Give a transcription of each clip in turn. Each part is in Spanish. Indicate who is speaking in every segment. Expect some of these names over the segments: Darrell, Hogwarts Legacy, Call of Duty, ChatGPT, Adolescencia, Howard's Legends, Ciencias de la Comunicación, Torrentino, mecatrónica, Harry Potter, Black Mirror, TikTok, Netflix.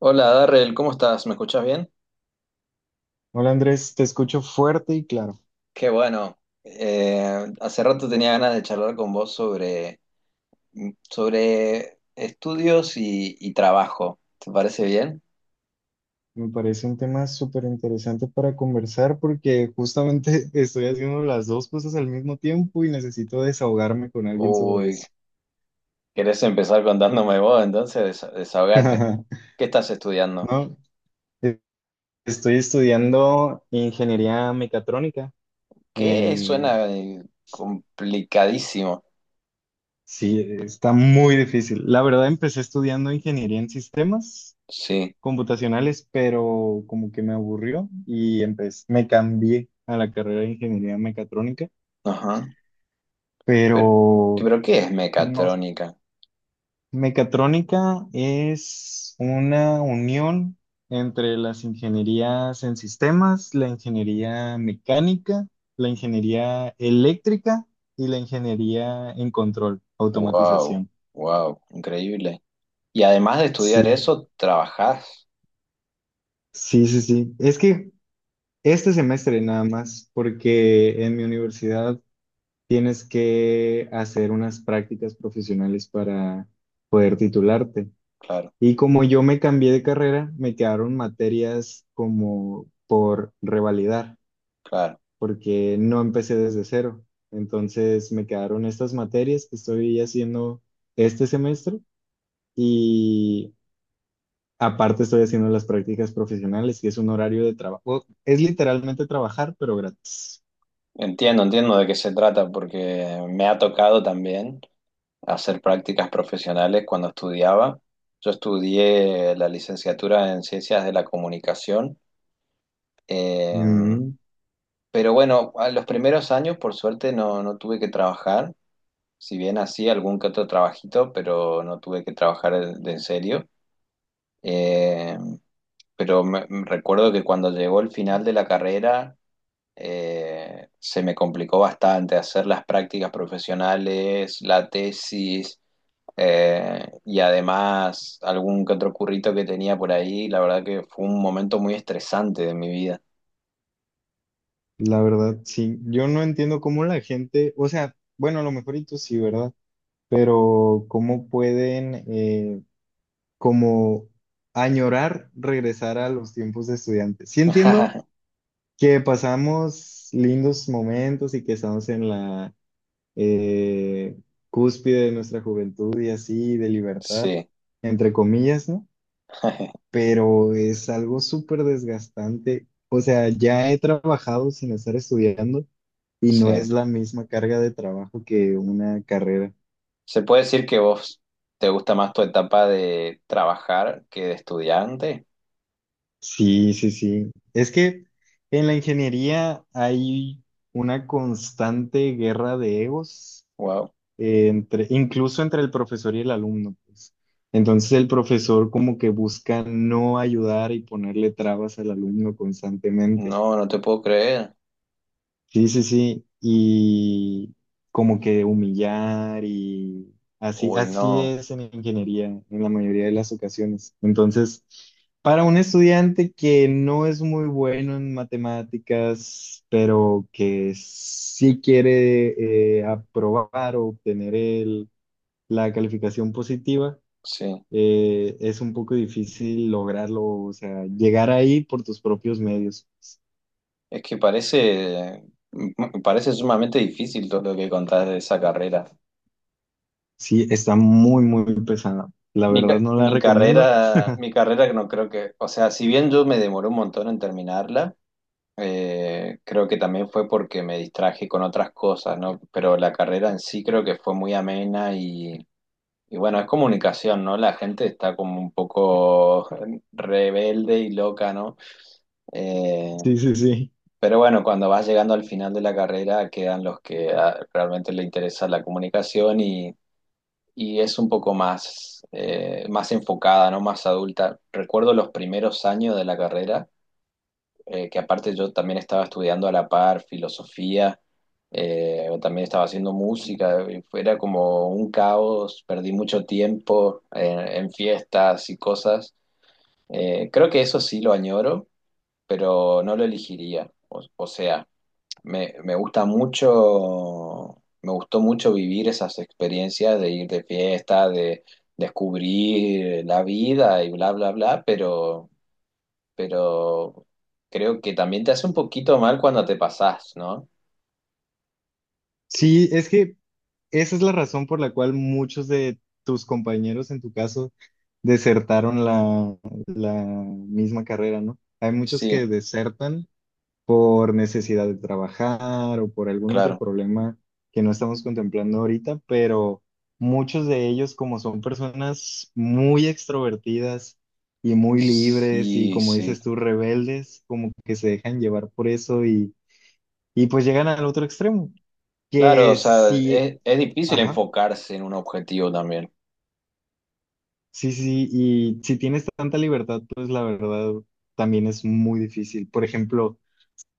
Speaker 1: Hola Darrell, ¿cómo estás? ¿Me escuchás bien?
Speaker 2: Hola Andrés, te escucho fuerte y claro.
Speaker 1: Qué bueno. Hace rato tenía ganas de charlar con vos sobre estudios y trabajo. ¿Te parece bien?
Speaker 2: Me parece un tema súper interesante para conversar porque justamente estoy haciendo las dos cosas al mismo tiempo y necesito desahogarme con alguien sobre
Speaker 1: Uy,
Speaker 2: eso.
Speaker 1: ¿querés empezar contándome vos? Entonces desahogate. ¿Qué estás estudiando?
Speaker 2: No, E- estoy estudiando ingeniería mecatrónica.
Speaker 1: ¿Qué
Speaker 2: en-
Speaker 1: suena complicadísimo?
Speaker 2: Sí, está muy difícil. La verdad, empecé estudiando ingeniería en sistemas
Speaker 1: Sí,
Speaker 2: computacionales, pero como que me aburrió y empecé, me cambié a la carrera de ingeniería mecatrónica.
Speaker 1: ajá. Pero,
Speaker 2: Pero
Speaker 1: pero ¿qué es
Speaker 2: no,
Speaker 1: mecatrónica?
Speaker 2: mecatrónica es una unión entre las ingenierías en sistemas, la ingeniería mecánica, la ingeniería eléctrica y la ingeniería en control,
Speaker 1: Wow,
Speaker 2: automatización.
Speaker 1: wow, increíble. Y además de estudiar
Speaker 2: Sí,
Speaker 1: eso, trabajás.
Speaker 2: sí, sí, sí. Es que este semestre nada más, porque en mi universidad tienes que hacer unas prácticas profesionales para titularte.
Speaker 1: Claro.
Speaker 2: Y como yo me cambié de carrera, me quedaron materias como por revalidar,
Speaker 1: Claro,
Speaker 2: porque no empecé desde cero. Entonces me quedaron estas materias que estoy haciendo este semestre y aparte estoy haciendo las prácticas profesionales, que es un horario de trabajo. Es literalmente trabajar, pero gratis.
Speaker 1: entiendo, entiendo de qué se trata, porque me ha tocado también hacer prácticas profesionales cuando estudiaba. Yo estudié la licenciatura en Ciencias de la Comunicación, eh,
Speaker 2: Mm,
Speaker 1: pero bueno, a los primeros años por suerte no tuve que trabajar, si bien hacía algún que otro trabajito, pero no tuve que trabajar de en serio. Eh, pero me recuerdo que cuando llegó el final de la carrera se me complicó bastante hacer las prácticas profesionales, la tesis, y además algún que otro currito que tenía por ahí. La verdad que fue un momento muy estresante de mi vida.
Speaker 2: la verdad, sí. Yo no entiendo cómo la gente, o sea, bueno, a lo mejor y tú sí, ¿verdad? Pero cómo pueden... como añorar regresar a los tiempos de estudiante. Sí entiendo que pasamos lindos momentos y que estamos en la eh, cúspide de nuestra juventud y así, de libertad,
Speaker 1: Sí,
Speaker 2: entre comillas, ¿no? Pero es algo súper desgastante. O sea, ya he trabajado sin estar estudiando y no es
Speaker 1: sí.
Speaker 2: la misma carga de trabajo que una carrera.
Speaker 1: ¿Se puede decir que vos te gusta más tu etapa de trabajar que de estudiante?
Speaker 2: Sí, sí, sí. Es que en la ingeniería hay una constante guerra de egos,
Speaker 1: Wow.
Speaker 2: entre, incluso entre el profesor y el alumno, pues. Entonces el profesor como que busca no ayudar y ponerle trabas al alumno constantemente.
Speaker 1: No, no te puedo creer.
Speaker 2: Sí, sí, sí. Y como que humillar y así,
Speaker 1: Uy,
Speaker 2: así
Speaker 1: no.
Speaker 2: es en ingeniería en la mayoría de las ocasiones. Entonces, para un estudiante que no es muy bueno en matemáticas, pero que sí quiere aprobar o obtener la calificación positiva,
Speaker 1: Sí.
Speaker 2: es un poco difícil lograrlo, o sea, llegar ahí por tus propios medios.
Speaker 1: Es que parece, me parece sumamente difícil todo lo que contás de esa carrera.
Speaker 2: Sí, está muy, muy pesada. La verdad no la
Speaker 1: Mi
Speaker 2: recomiendo.
Speaker 1: carrera, mi carrera no creo que, o sea, si bien yo me demoré un montón en terminarla, creo que también fue porque me distraje con otras cosas, ¿no? Pero la carrera en sí creo que fue muy amena y bueno, es comunicación, ¿no? La gente está como un poco rebelde y loca, ¿no? Eh,
Speaker 2: Sí, sí, sí.
Speaker 1: Pero bueno, cuando vas llegando al final de la carrera quedan los que ah, realmente le interesa la comunicación y es un poco más, más enfocada, ¿no? Más adulta. Recuerdo los primeros años de la carrera, que aparte yo también estaba estudiando a la par filosofía, también estaba haciendo música, y era como un caos, perdí mucho tiempo en fiestas y cosas. Creo que eso sí lo añoro, pero no lo elegiría. O sea, me gusta mucho, me gustó mucho vivir esas experiencias de ir de fiesta, de descubrir la vida y bla, bla, bla, pero creo que también te hace un poquito mal cuando te pasás, ¿no?
Speaker 2: Sí, es que esa es la razón por la cual muchos de tus compañeros, en tu caso, desertaron la, la misma carrera, ¿no? Hay muchos
Speaker 1: Sí,
Speaker 2: que desertan por necesidad de trabajar o por algún otro
Speaker 1: claro.
Speaker 2: problema que no estamos contemplando ahorita, pero muchos de ellos, como son personas muy extrovertidas y muy libres y
Speaker 1: Sí,
Speaker 2: como
Speaker 1: sí.
Speaker 2: dices tú, rebeldes, como que se dejan llevar por eso y pues llegan al otro extremo,
Speaker 1: Claro, o
Speaker 2: que
Speaker 1: sea,
Speaker 2: sí,
Speaker 1: es difícil
Speaker 2: ajá,
Speaker 1: enfocarse en un objetivo también,
Speaker 2: sí, sí, y si tienes tanta libertad, pues la verdad también es muy difícil. Por ejemplo,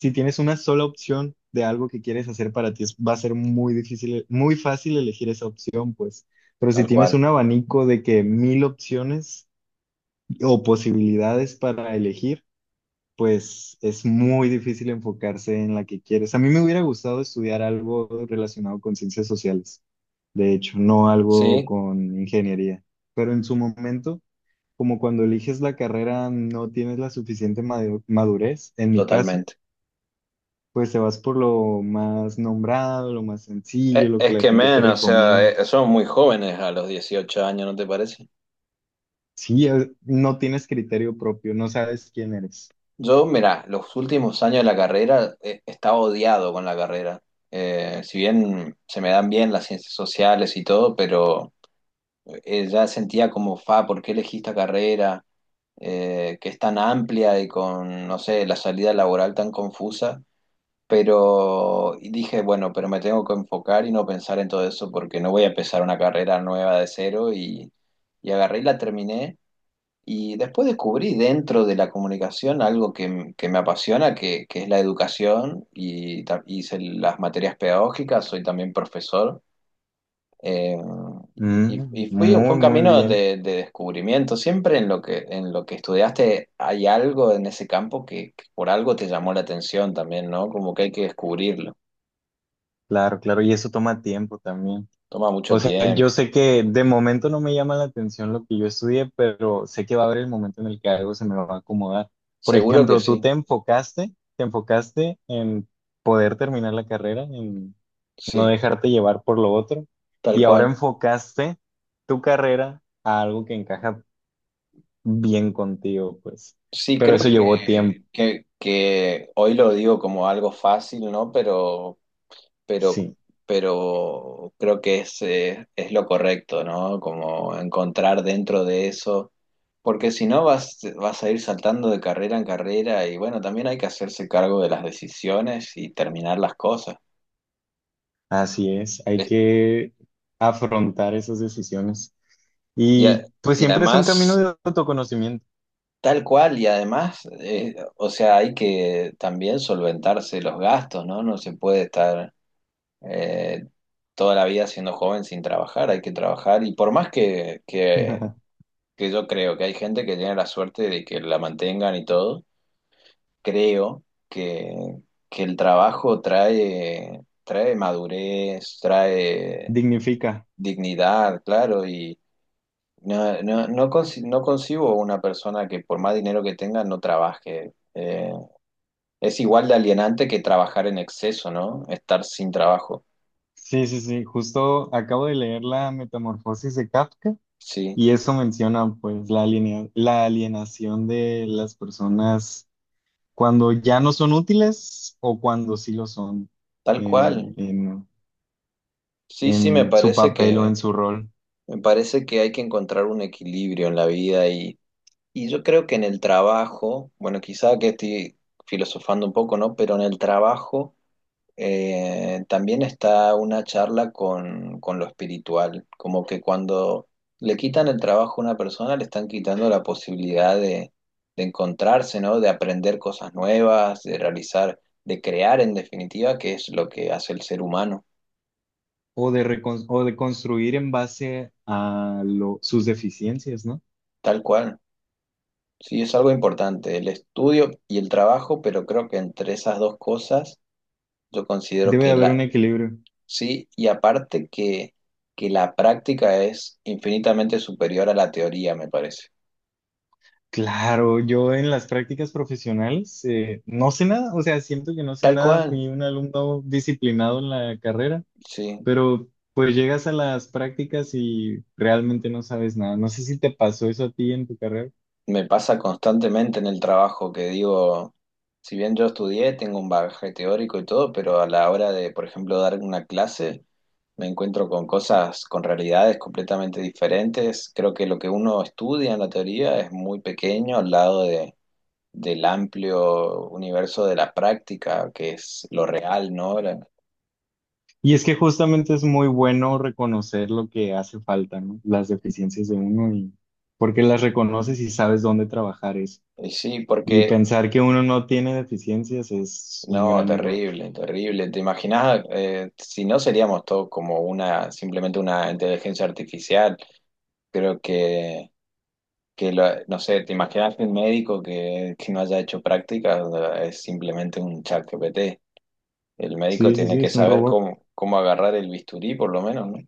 Speaker 2: si tienes una sola opción de algo que quieres hacer para ti, va a ser muy difícil, muy fácil elegir esa opción, pues. Pero si
Speaker 1: tal
Speaker 2: tienes
Speaker 1: cual.
Speaker 2: un abanico de que mil opciones o posibilidades para elegir, pues es muy difícil enfocarse en la que quieres. A mí me hubiera gustado estudiar algo relacionado con ciencias sociales, de hecho, no algo
Speaker 1: Sí,
Speaker 2: con ingeniería. Pero en su momento, como cuando eliges la carrera, no tienes la suficiente madurez, en mi caso
Speaker 1: totalmente.
Speaker 2: pues te vas por lo más nombrado, lo más sencillo, lo que
Speaker 1: Es
Speaker 2: la
Speaker 1: que,
Speaker 2: gente te
Speaker 1: men, o sea,
Speaker 2: recomienda.
Speaker 1: somos muy jóvenes a los 18 años, ¿no te parece?
Speaker 2: Sí, no tienes criterio propio, no sabes quién eres.
Speaker 1: Yo, mira, los últimos años de la carrera estaba odiado con la carrera. Si bien se me dan bien las ciencias sociales y todo, pero ya sentía como, fa, ¿por qué elegí esta carrera? Que es tan amplia y con, no sé, la salida laboral tan confusa. Pero y dije, bueno, pero me tengo que enfocar y no pensar en todo eso porque no voy a empezar una carrera nueva de cero y agarré y la terminé. Y después descubrí dentro de la comunicación algo que, que me apasiona, que es la educación y hice las materias pedagógicas, soy también profesor. eh,
Speaker 2: Mm,
Speaker 1: y fue
Speaker 2: muy,
Speaker 1: un
Speaker 2: muy
Speaker 1: camino
Speaker 2: bien.
Speaker 1: de descubrimiento. Siempre en lo que estudiaste hay algo en ese campo que por algo te llamó la atención también, ¿no? Como que hay que descubrirlo.
Speaker 2: Claro, claro. Y eso toma tiempo también.
Speaker 1: Toma mucho
Speaker 2: O sea, yo
Speaker 1: tiempo.
Speaker 2: sé que de momento no me llama la atención lo que yo estudié, pero sé que va a haber el momento en el que algo se me va a acomodar. Por
Speaker 1: Seguro que
Speaker 2: ejemplo,
Speaker 1: sí,
Speaker 2: tú te enfocaste en poder terminar la carrera, en no
Speaker 1: sí,
Speaker 2: dejarte llevar por lo otro.
Speaker 1: tal
Speaker 2: Y ahora
Speaker 1: cual.
Speaker 2: enfocaste tu carrera a algo que encaja bien contigo, pues.
Speaker 1: Sí,
Speaker 2: Pero
Speaker 1: creo
Speaker 2: eso llevó tiempo.
Speaker 1: que hoy lo digo como algo fácil, ¿no? Pero,
Speaker 2: Sí,
Speaker 1: pero creo que es lo correcto, ¿no? Como encontrar dentro de eso, porque si no vas a ir saltando de carrera en carrera y bueno, también hay que hacerse cargo de las decisiones y terminar las cosas.
Speaker 2: así es. Hay
Speaker 1: Es-
Speaker 2: que afrontar esas decisiones.
Speaker 1: Y, a-
Speaker 2: Y pues
Speaker 1: y
Speaker 2: siempre es un camino
Speaker 1: además,
Speaker 2: de autoconocimiento.
Speaker 1: tal cual, y además, o sea, hay que también solventarse los gastos, ¿no? No se puede estar eh, toda la vida siendo joven sin trabajar, hay que trabajar y por más que yo creo que hay gente que tiene la suerte de que la mantengan y todo, creo que, que el trabajo trae, trae madurez, trae
Speaker 2: Dignifica.
Speaker 1: dignidad, claro, y no, no, no, no concibo una persona que por más dinero que tenga no trabaje. Es igual de alienante que trabajar en exceso, ¿no? Estar sin trabajo.
Speaker 2: Sí, sí, sí. Justo acabo de leer la Metamorfosis de Kafka
Speaker 1: Sí,
Speaker 2: y eso menciona pues la la alienación de las personas cuando ya no son útiles o cuando sí lo son,
Speaker 1: tal
Speaker 2: eh,
Speaker 1: cual.
Speaker 2: en,
Speaker 1: Sí, sí, me
Speaker 2: en su
Speaker 1: parece
Speaker 2: papel o en su rol,
Speaker 1: me parece que hay que encontrar un equilibrio en la vida y yo creo que en el trabajo, bueno, quizá que estoy filosofando un poco, ¿no? Pero en el trabajo también está una charla con lo espiritual, como que cuando le quitan el trabajo a una persona, le están quitando la posibilidad de encontrarse, ¿no? De aprender cosas nuevas, de realizar, de crear en definitiva, que es lo que hace el ser humano,
Speaker 2: o de construir en base a sus deficiencias, ¿no?
Speaker 1: tal cual. Sí, es algo importante, el estudio y el trabajo, pero creo que entre esas dos cosas yo considero
Speaker 2: Debe de
Speaker 1: que
Speaker 2: haber un equilibrio.
Speaker 1: sí, y aparte que la práctica es infinitamente superior a la teoría, me parece.
Speaker 2: Claro, yo en las prácticas profesionales, no sé nada, o sea, siento que no sé
Speaker 1: Tal
Speaker 2: nada,
Speaker 1: cual,
Speaker 2: fui un alumno disciplinado en la carrera,
Speaker 1: sí.
Speaker 2: pero pues llegas a las prácticas y realmente no sabes nada. No sé si te pasó eso a ti en tu carrera.
Speaker 1: Me pasa constantemente en el trabajo que digo, si bien yo estudié, tengo un bagaje teórico y todo, pero a la hora de, por ejemplo, dar una clase, me encuentro con cosas, con realidades completamente diferentes. Creo que lo que uno estudia en la teoría es muy pequeño al lado de, del amplio universo de la práctica, que es lo real, ¿no?
Speaker 2: Y es que justamente es muy bueno reconocer lo que hace falta, ¿no? Las deficiencias de uno y porque las reconoces y sabes dónde trabajar eso.
Speaker 1: Y sí,
Speaker 2: Y
Speaker 1: porque,
Speaker 2: pensar que uno no tiene deficiencias es un
Speaker 1: no,
Speaker 2: gran error.
Speaker 1: terrible, terrible. ¿Te imaginas, si no seríamos todos como una, simplemente una inteligencia artificial? Creo que no sé, ¿te imaginas que el médico que no haya hecho práctica es simplemente un chat ChatGPT? El médico
Speaker 2: Sí, sí,
Speaker 1: tiene
Speaker 2: sí,
Speaker 1: que
Speaker 2: es un
Speaker 1: saber
Speaker 2: robot.
Speaker 1: cómo, cómo agarrar el bisturí, por lo menos, ¿no?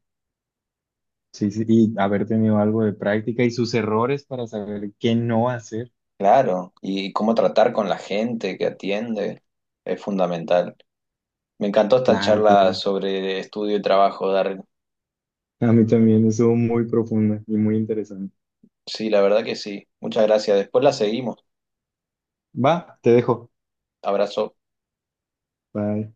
Speaker 2: Sí, sí, y haber tenido algo de práctica y sus errores para saber qué no hacer.
Speaker 1: Claro, y cómo tratar con la gente que atiende es fundamental. Me encantó esta
Speaker 2: Claro,
Speaker 1: charla
Speaker 2: claro.
Speaker 1: sobre estudio y trabajo, Dar.
Speaker 2: A mí también estuvo muy profunda y muy interesante.
Speaker 1: Sí, la verdad que sí. Muchas gracias. Después la seguimos.
Speaker 2: Va, te dejo.
Speaker 1: Abrazo.
Speaker 2: Bye.